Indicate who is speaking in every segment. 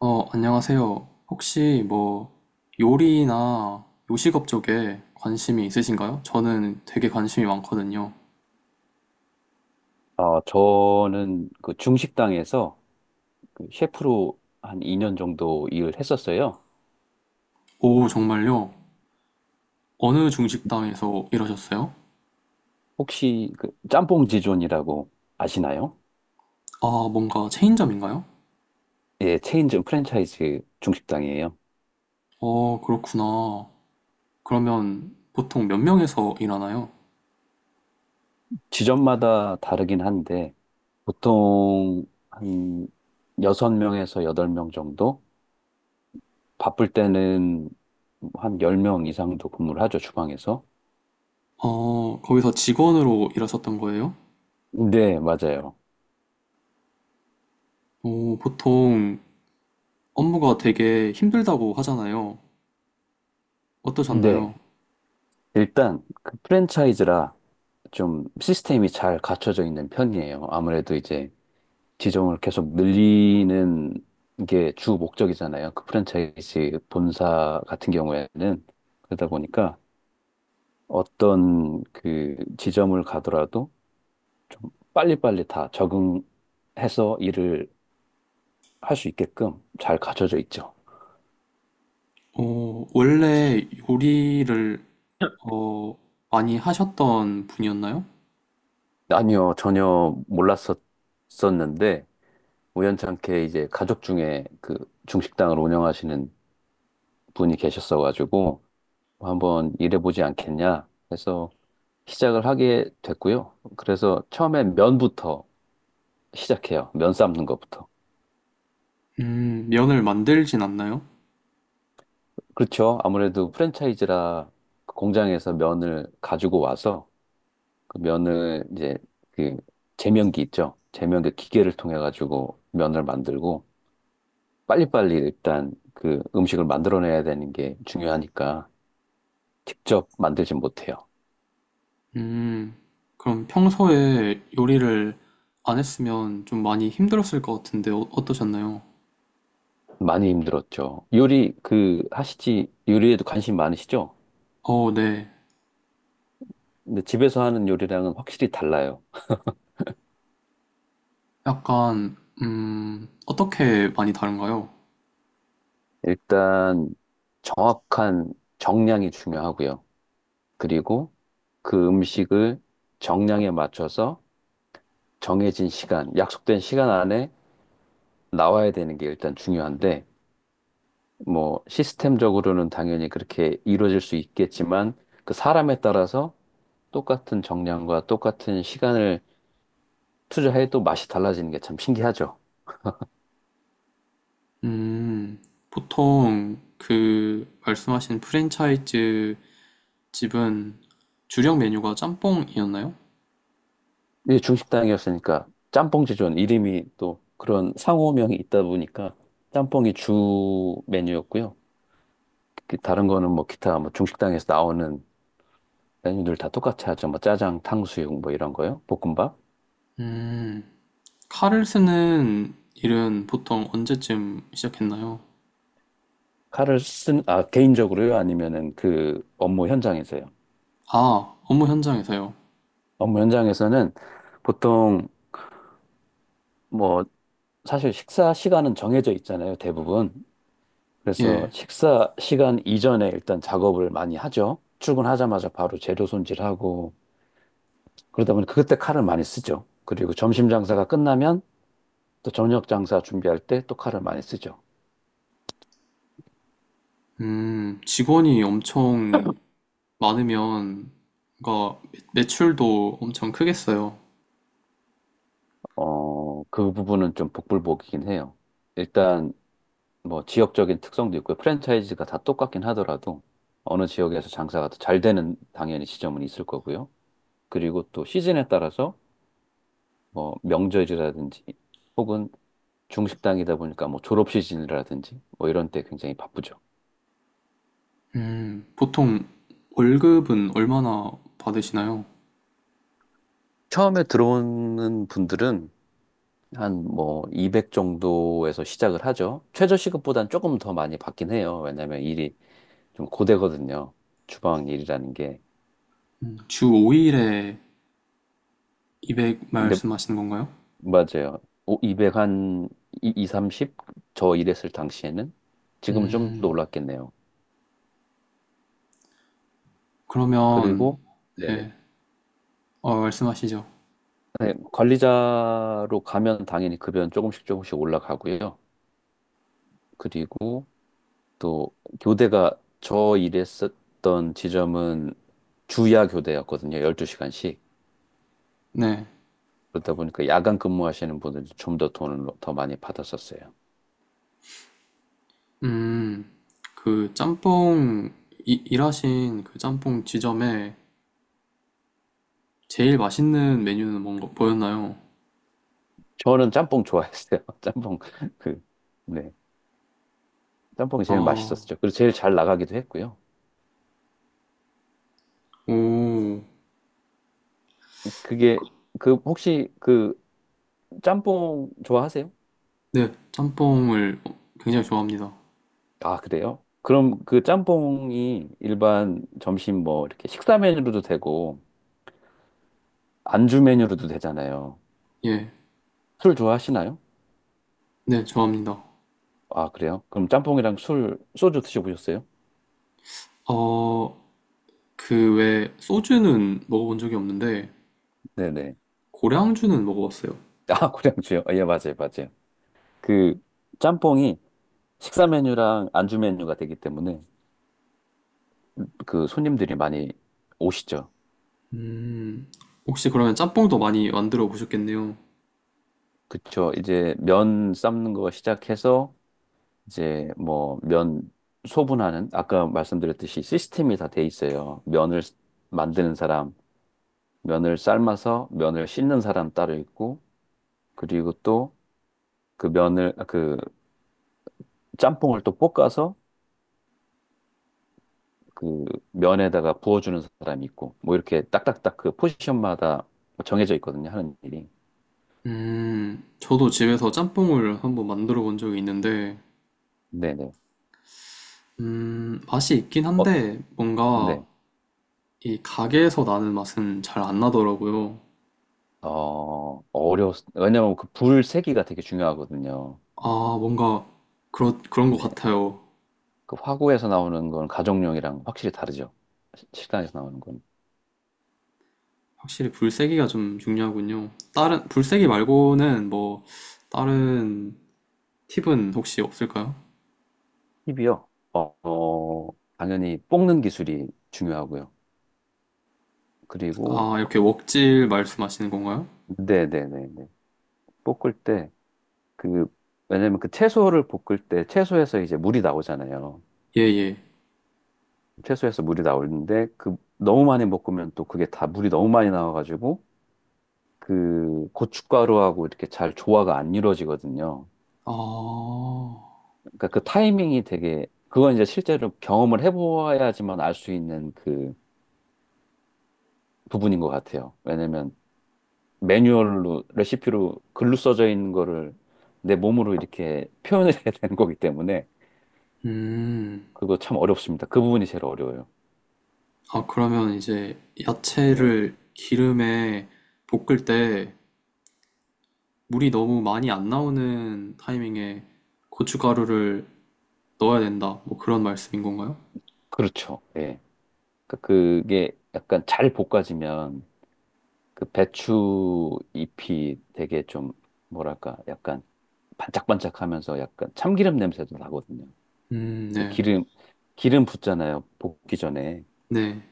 Speaker 1: 안녕하세요. 혹시 뭐 요리나 요식업 쪽에 관심이 있으신가요? 저는 되게 관심이 많거든요.
Speaker 2: 아, 저는 그 중식당에서 그 셰프로 한 2년 정도 일을 했었어요.
Speaker 1: 오, 정말요? 어느 중식당에서 일하셨어요?
Speaker 2: 혹시 그 짬뽕 지존이라고 아시나요?
Speaker 1: 아, 뭔가 체인점인가요?
Speaker 2: 예, 체인점 프랜차이즈 중식당이에요.
Speaker 1: 어, 그렇구나. 그러면 보통 몇 명에서 일하나요?
Speaker 2: 지점마다 다르긴 한데 보통 한 6명에서 8명 정도? 바쁠 때는 한 10명 이상도 근무를 하죠, 주방에서.
Speaker 1: 어, 거기서 직원으로 일하셨던 거예요?
Speaker 2: 네, 맞아요.
Speaker 1: 오, 보통 업무가 되게 힘들다고 하잖아요.
Speaker 2: 네.
Speaker 1: 어떠셨나요?
Speaker 2: 일단 그 프랜차이즈라 좀 시스템이 잘 갖춰져 있는 편이에요. 아무래도 이제 지점을 계속 늘리는 게 주 목적이잖아요, 그 프랜차이즈 본사 같은 경우에는. 그러다 보니까 어떤 그 지점을 가더라도 좀 빨리빨리 다 적응해서 일을 할 수 있게끔 잘 갖춰져 있죠.
Speaker 1: 어, 원래 요리를 어, 많이 하셨던 분이었나요?
Speaker 2: 아니요, 전혀 몰랐었었는데 우연찮게 이제 가족 중에 그 중식당을 운영하시는 분이 계셨어가지고 한번 일해보지 않겠냐 해서 시작을 하게 됐고요. 그래서 처음엔 면부터 시작해요. 면 삶는 것부터.
Speaker 1: 면을 만들진 않나요?
Speaker 2: 그렇죠. 아무래도 프랜차이즈라 그 공장에서 면을 가지고 와서 그 면을 이제 그 제면기 있죠. 제면기 기계를 통해 가지고 면을 만들고 빨리빨리 일단 그 음식을 만들어내야 되는 게 중요하니까 직접 만들진 못해요.
Speaker 1: 음, 그럼 평소에 요리를 안 했으면 좀 많이 힘들었을 것 같은데 어떠셨나요?
Speaker 2: 많이 힘들었죠. 요리 그 하시지, 요리에도 관심 많으시죠?
Speaker 1: 어, 네.
Speaker 2: 근데 집에서 하는 요리랑은 확실히 달라요.
Speaker 1: 약간, 어떻게 많이 다른가요?
Speaker 2: 일단 정확한 정량이 중요하고요. 그리고 그 음식을 정량에 맞춰서 정해진 시간, 약속된 시간 안에 나와야 되는 게 일단 중요한데, 뭐 시스템적으로는 당연히 그렇게 이루어질 수 있겠지만, 그 사람에 따라서 똑같은 정량과 똑같은 시간을 투자해도 맛이 달라지는 게 참 신기하죠.
Speaker 1: 음, 보통 그 말씀하신 프랜차이즈 집은 주력 메뉴가 짬뽕이었나요?
Speaker 2: 이게 중식당이었으니까, 짬뽕 지존 이름이 또 그런 상호명이 있다 보니까 짬뽕이 주 메뉴였고요. 그 다른 거는 뭐 기타 뭐 중식당에서 나오는 메뉴들 다 똑같이 하죠. 뭐 짜장, 탕수육 뭐 이런 거요. 볶음밥.
Speaker 1: 음, 칼을 쓰는 일은 보통 언제쯤 시작했나요?
Speaker 2: 칼을 쓴, 아, 개인적으로요? 아니면은 그 업무 현장에서요?
Speaker 1: 아, 업무 현장에서요.
Speaker 2: 업무 현장에서는 보통 뭐 사실 식사 시간은 정해져 있잖아요, 대부분. 그래서
Speaker 1: 예.
Speaker 2: 식사 시간 이전에 일단 작업을 많이 하죠. 출근하자마자 바로 재료 손질하고, 그러다 보니 그때 칼을 많이 쓰죠. 그리고 점심 장사가 끝나면 또 저녁 장사 준비할 때 또 칼을 많이 쓰죠.
Speaker 1: 직원이 엄청 많으면, 그러니까 매출도 엄청 크겠어요.
Speaker 2: 어, 그 부분은 좀 복불복이긴 해요. 일단 뭐 지역적인 특성도 있고요. 프랜차이즈가 다 똑같긴 하더라도 어느 지역에서 장사가 더 잘 되는 당연히 지점은 있을 거고요. 그리고 또 시즌에 따라서 뭐 명절이라든지 혹은 중식당이다 보니까 뭐 졸업 시즌이라든지 뭐 이런 때 굉장히 바쁘죠.
Speaker 1: 보통 월급은 얼마나 받으시나요?
Speaker 2: 처음에 들어오는 분들은 한 뭐 200 정도에서 시작을 하죠. 최저시급보단 조금 더 많이 받긴 해요. 왜냐면 일이 좀 고되거든요, 주방 일이라는 게.
Speaker 1: 주 5일에 200
Speaker 2: 근데
Speaker 1: 말씀하시는 건가요?
Speaker 2: 맞아요. 200 한 2, 30? 저 일했을 당시에는. 지금은 좀 더
Speaker 1: 음,
Speaker 2: 올랐겠네요.
Speaker 1: 그러면,
Speaker 2: 그리고 네네.
Speaker 1: 네, 어, 말씀하시죠.
Speaker 2: 네, 관리자로 가면 당연히 급여는 조금씩 조금씩 올라가고요. 그리고 또 교대가 저 일했었던 지점은 주야 교대였거든요. 12시간씩.
Speaker 1: 네.
Speaker 2: 그러다 보니까 야간 근무하시는 분들이 좀 더 돈을 더 많이 받았었어요.
Speaker 1: 음, 그 짬뽕, 일하신 그 짬뽕 지점에 제일 맛있는 메뉴는 뭔가 보였나요?
Speaker 2: 저는 짬뽕 좋아했어요. 짬뽕 그 네. 짬뽕이 제일
Speaker 1: 아..
Speaker 2: 맛있었죠. 그리고 제일 잘 나가기도 했고요.
Speaker 1: 오,
Speaker 2: 그게 그 혹시 그 짬뽕 좋아하세요?
Speaker 1: 네, 짬뽕을 굉장히 좋아합니다.
Speaker 2: 아, 그래요? 그럼 그 짬뽕이 일반 점심 뭐 이렇게 식사 메뉴로도 되고 안주 메뉴로도 되잖아요.
Speaker 1: 예,
Speaker 2: 술 좋아하시나요?
Speaker 1: 네, 좋아합니다.
Speaker 2: 아, 그래요? 그럼 짬뽕이랑 술, 소주 드셔보셨어요?
Speaker 1: 어, 그외 소주는 먹어본 적이 없는데
Speaker 2: 네네.
Speaker 1: 고량주는 먹어봤어요.
Speaker 2: 아, 고량주요? 아, 예, 맞아요, 맞아요. 그 짬뽕이 식사 메뉴랑 안주 메뉴가 되기 때문에 그 손님들이 많이 오시죠.
Speaker 1: 음, 혹시 그러면 짬뽕도 많이 만들어 보셨겠네요.
Speaker 2: 그쵸. 이제 면 삶는 거 시작해서 이제 뭐 면 소분하는, 아까 말씀드렸듯이 시스템이 다 돼 있어요. 면을 만드는 사람, 면을 삶아서 면을 씻는 사람 따로 있고, 그리고 또 그 면을 아, 그 짬뽕을 또 볶아서 그 면에다가 부어주는 사람이 있고, 뭐 이렇게 딱딱딱 그 포지션마다 정해져 있거든요, 하는 일이.
Speaker 1: 저도 집에서 짬뽕을 한번 만들어 본 적이 있는데,
Speaker 2: 네네.
Speaker 1: 맛이 있긴
Speaker 2: 어,
Speaker 1: 한데 뭔가
Speaker 2: 네.
Speaker 1: 이 가게에서 나는 맛은 잘 안 나더라고요.
Speaker 2: 어, 어려웠, 왜냐면 그 불 세기가 되게 중요하거든요.
Speaker 1: 아, 뭔가 그런 그런 것
Speaker 2: 네.
Speaker 1: 같아요.
Speaker 2: 그 화구에서 나오는 건 가정용이랑 확실히 다르죠. 식당에서 나오는 건.
Speaker 1: 확실히 불세기가 좀 중요하군요. 다른, 불세기 말고는 뭐, 다른 팁은 혹시 없을까요?
Speaker 2: 팁이요. 어, 어, 당연히 볶는 기술이 중요하고요. 그리고,
Speaker 1: 아, 이렇게 웍질 말씀하시는 건가요?
Speaker 2: 네네네네. 볶을 때, 그, 왜냐면 그 채소를 볶을 때 채소에서 이제 물이 나오잖아요.
Speaker 1: 예, 예.
Speaker 2: 채소에서 물이 나오는데 그 너무 많이 볶으면 또 그게 다 물이 너무 많이 나와가지고 그 고춧가루하고 이렇게 잘 조화가 안 이루어지거든요.
Speaker 1: 아,
Speaker 2: 그러니까 그 타이밍이 되게 그건 이제 실제로 경험을 해보아야지만 알 수 있는 그 부분인 것 같아요. 왜냐면 매뉴얼로 레시피로 글로 써져 있는 거를 내 몸으로 이렇게 표현을 해야 되는 거기 때문에
Speaker 1: 음.
Speaker 2: 그거 참 어렵습니다. 그 부분이 제일 어려워요.
Speaker 1: 아, 그러면 이제
Speaker 2: 네,
Speaker 1: 야채를 기름에 볶을 때 물이 너무 많이 안 나오는 타이밍에 고춧가루를 넣어야 된다. 뭐 그런 말씀인 건가요?
Speaker 2: 그렇죠. 예. 그러니까 그게 약간 잘 볶아지면 그 배추 잎이 되게 좀 뭐랄까 약간 반짝반짝하면서 약간 참기름 냄새도 나거든요. 그
Speaker 1: 네.
Speaker 2: 기름, 기름 붓잖아요, 볶기 전에.
Speaker 1: 네.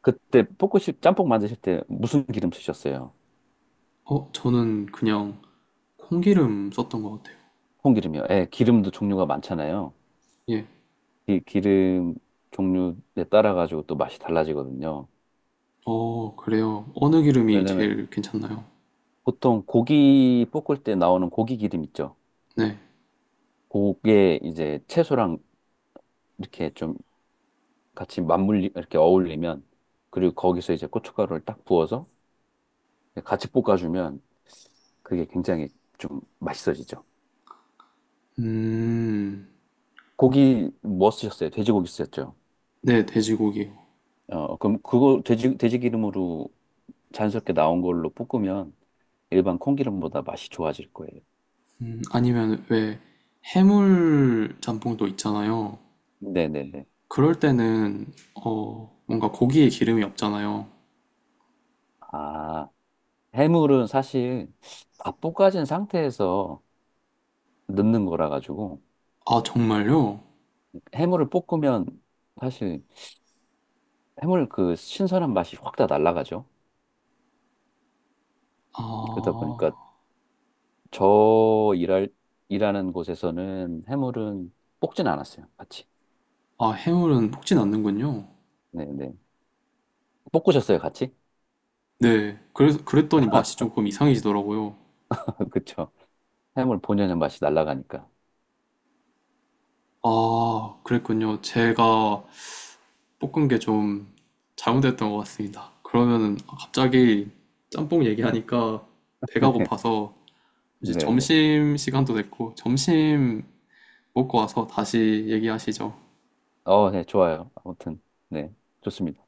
Speaker 2: 그때 볶으실, 짬뽕 만드실 때 무슨 기름 쓰셨어요?
Speaker 1: 저는 그냥 콩기름 썼던 것 같아요.
Speaker 2: 콩기름이요. 예, 기름도 종류가 많잖아요.
Speaker 1: 예,
Speaker 2: 이 기름 종류에 따라 가지고 또 맛이 달라지거든요.
Speaker 1: 어, 그래요. 어느 기름이
Speaker 2: 왜냐면
Speaker 1: 제일 괜찮나요?
Speaker 2: 보통 고기 볶을 때 나오는 고기 기름 있죠.
Speaker 1: 네.
Speaker 2: 그게 이제 채소랑 이렇게 좀 같이 맞물리, 이렇게 어울리면, 그리고 거기서 이제 고춧가루를 딱 부어서 같이 볶아주면 그게 굉장히 좀 맛있어지죠.
Speaker 1: 음,
Speaker 2: 고기 뭐 쓰셨어요? 돼지고기 쓰셨죠?
Speaker 1: 네, 돼지고기요.
Speaker 2: 어, 그럼 그거 돼지, 돼지 기름으로 자연스럽게 나온 걸로 볶으면 일반 콩기름보다 맛이 좋아질 거예요.
Speaker 1: 아니면 왜 해물 짬뽕도 있잖아요.
Speaker 2: 네네네.
Speaker 1: 그럴 때는, 뭔가 고기에 기름이 없잖아요.
Speaker 2: 아, 해물은 사실 다 볶아진 상태에서 넣는 거라 가지고,
Speaker 1: 아, 정말요?
Speaker 2: 해물을 볶으면 사실 해물 그 신선한 맛이 확 다 날아가죠. 그러다 보니까
Speaker 1: 아,
Speaker 2: 저 일할, 일하는 곳에서는 해물은 볶진 않았어요, 같이.
Speaker 1: 아, 해물은 볶진 않는군요.
Speaker 2: 네네. 볶으셨어요, 같이?
Speaker 1: 네. 그래서, 그랬더니 맛이 조금 이상해지더라고요.
Speaker 2: 그쵸. 해물 본연의 맛이 날아가니까.
Speaker 1: 아, 그랬군요. 제가 볶은 게 좀 잘못됐던 것 같습니다. 그러면은 갑자기 짬뽕 얘기하니까 배가 고파서 이제
Speaker 2: 네네.
Speaker 1: 점심 시간도 됐고 점심 먹고 와서 다시 얘기하시죠.
Speaker 2: 어, 네, 좋아요. 아무튼, 네, 좋습니다.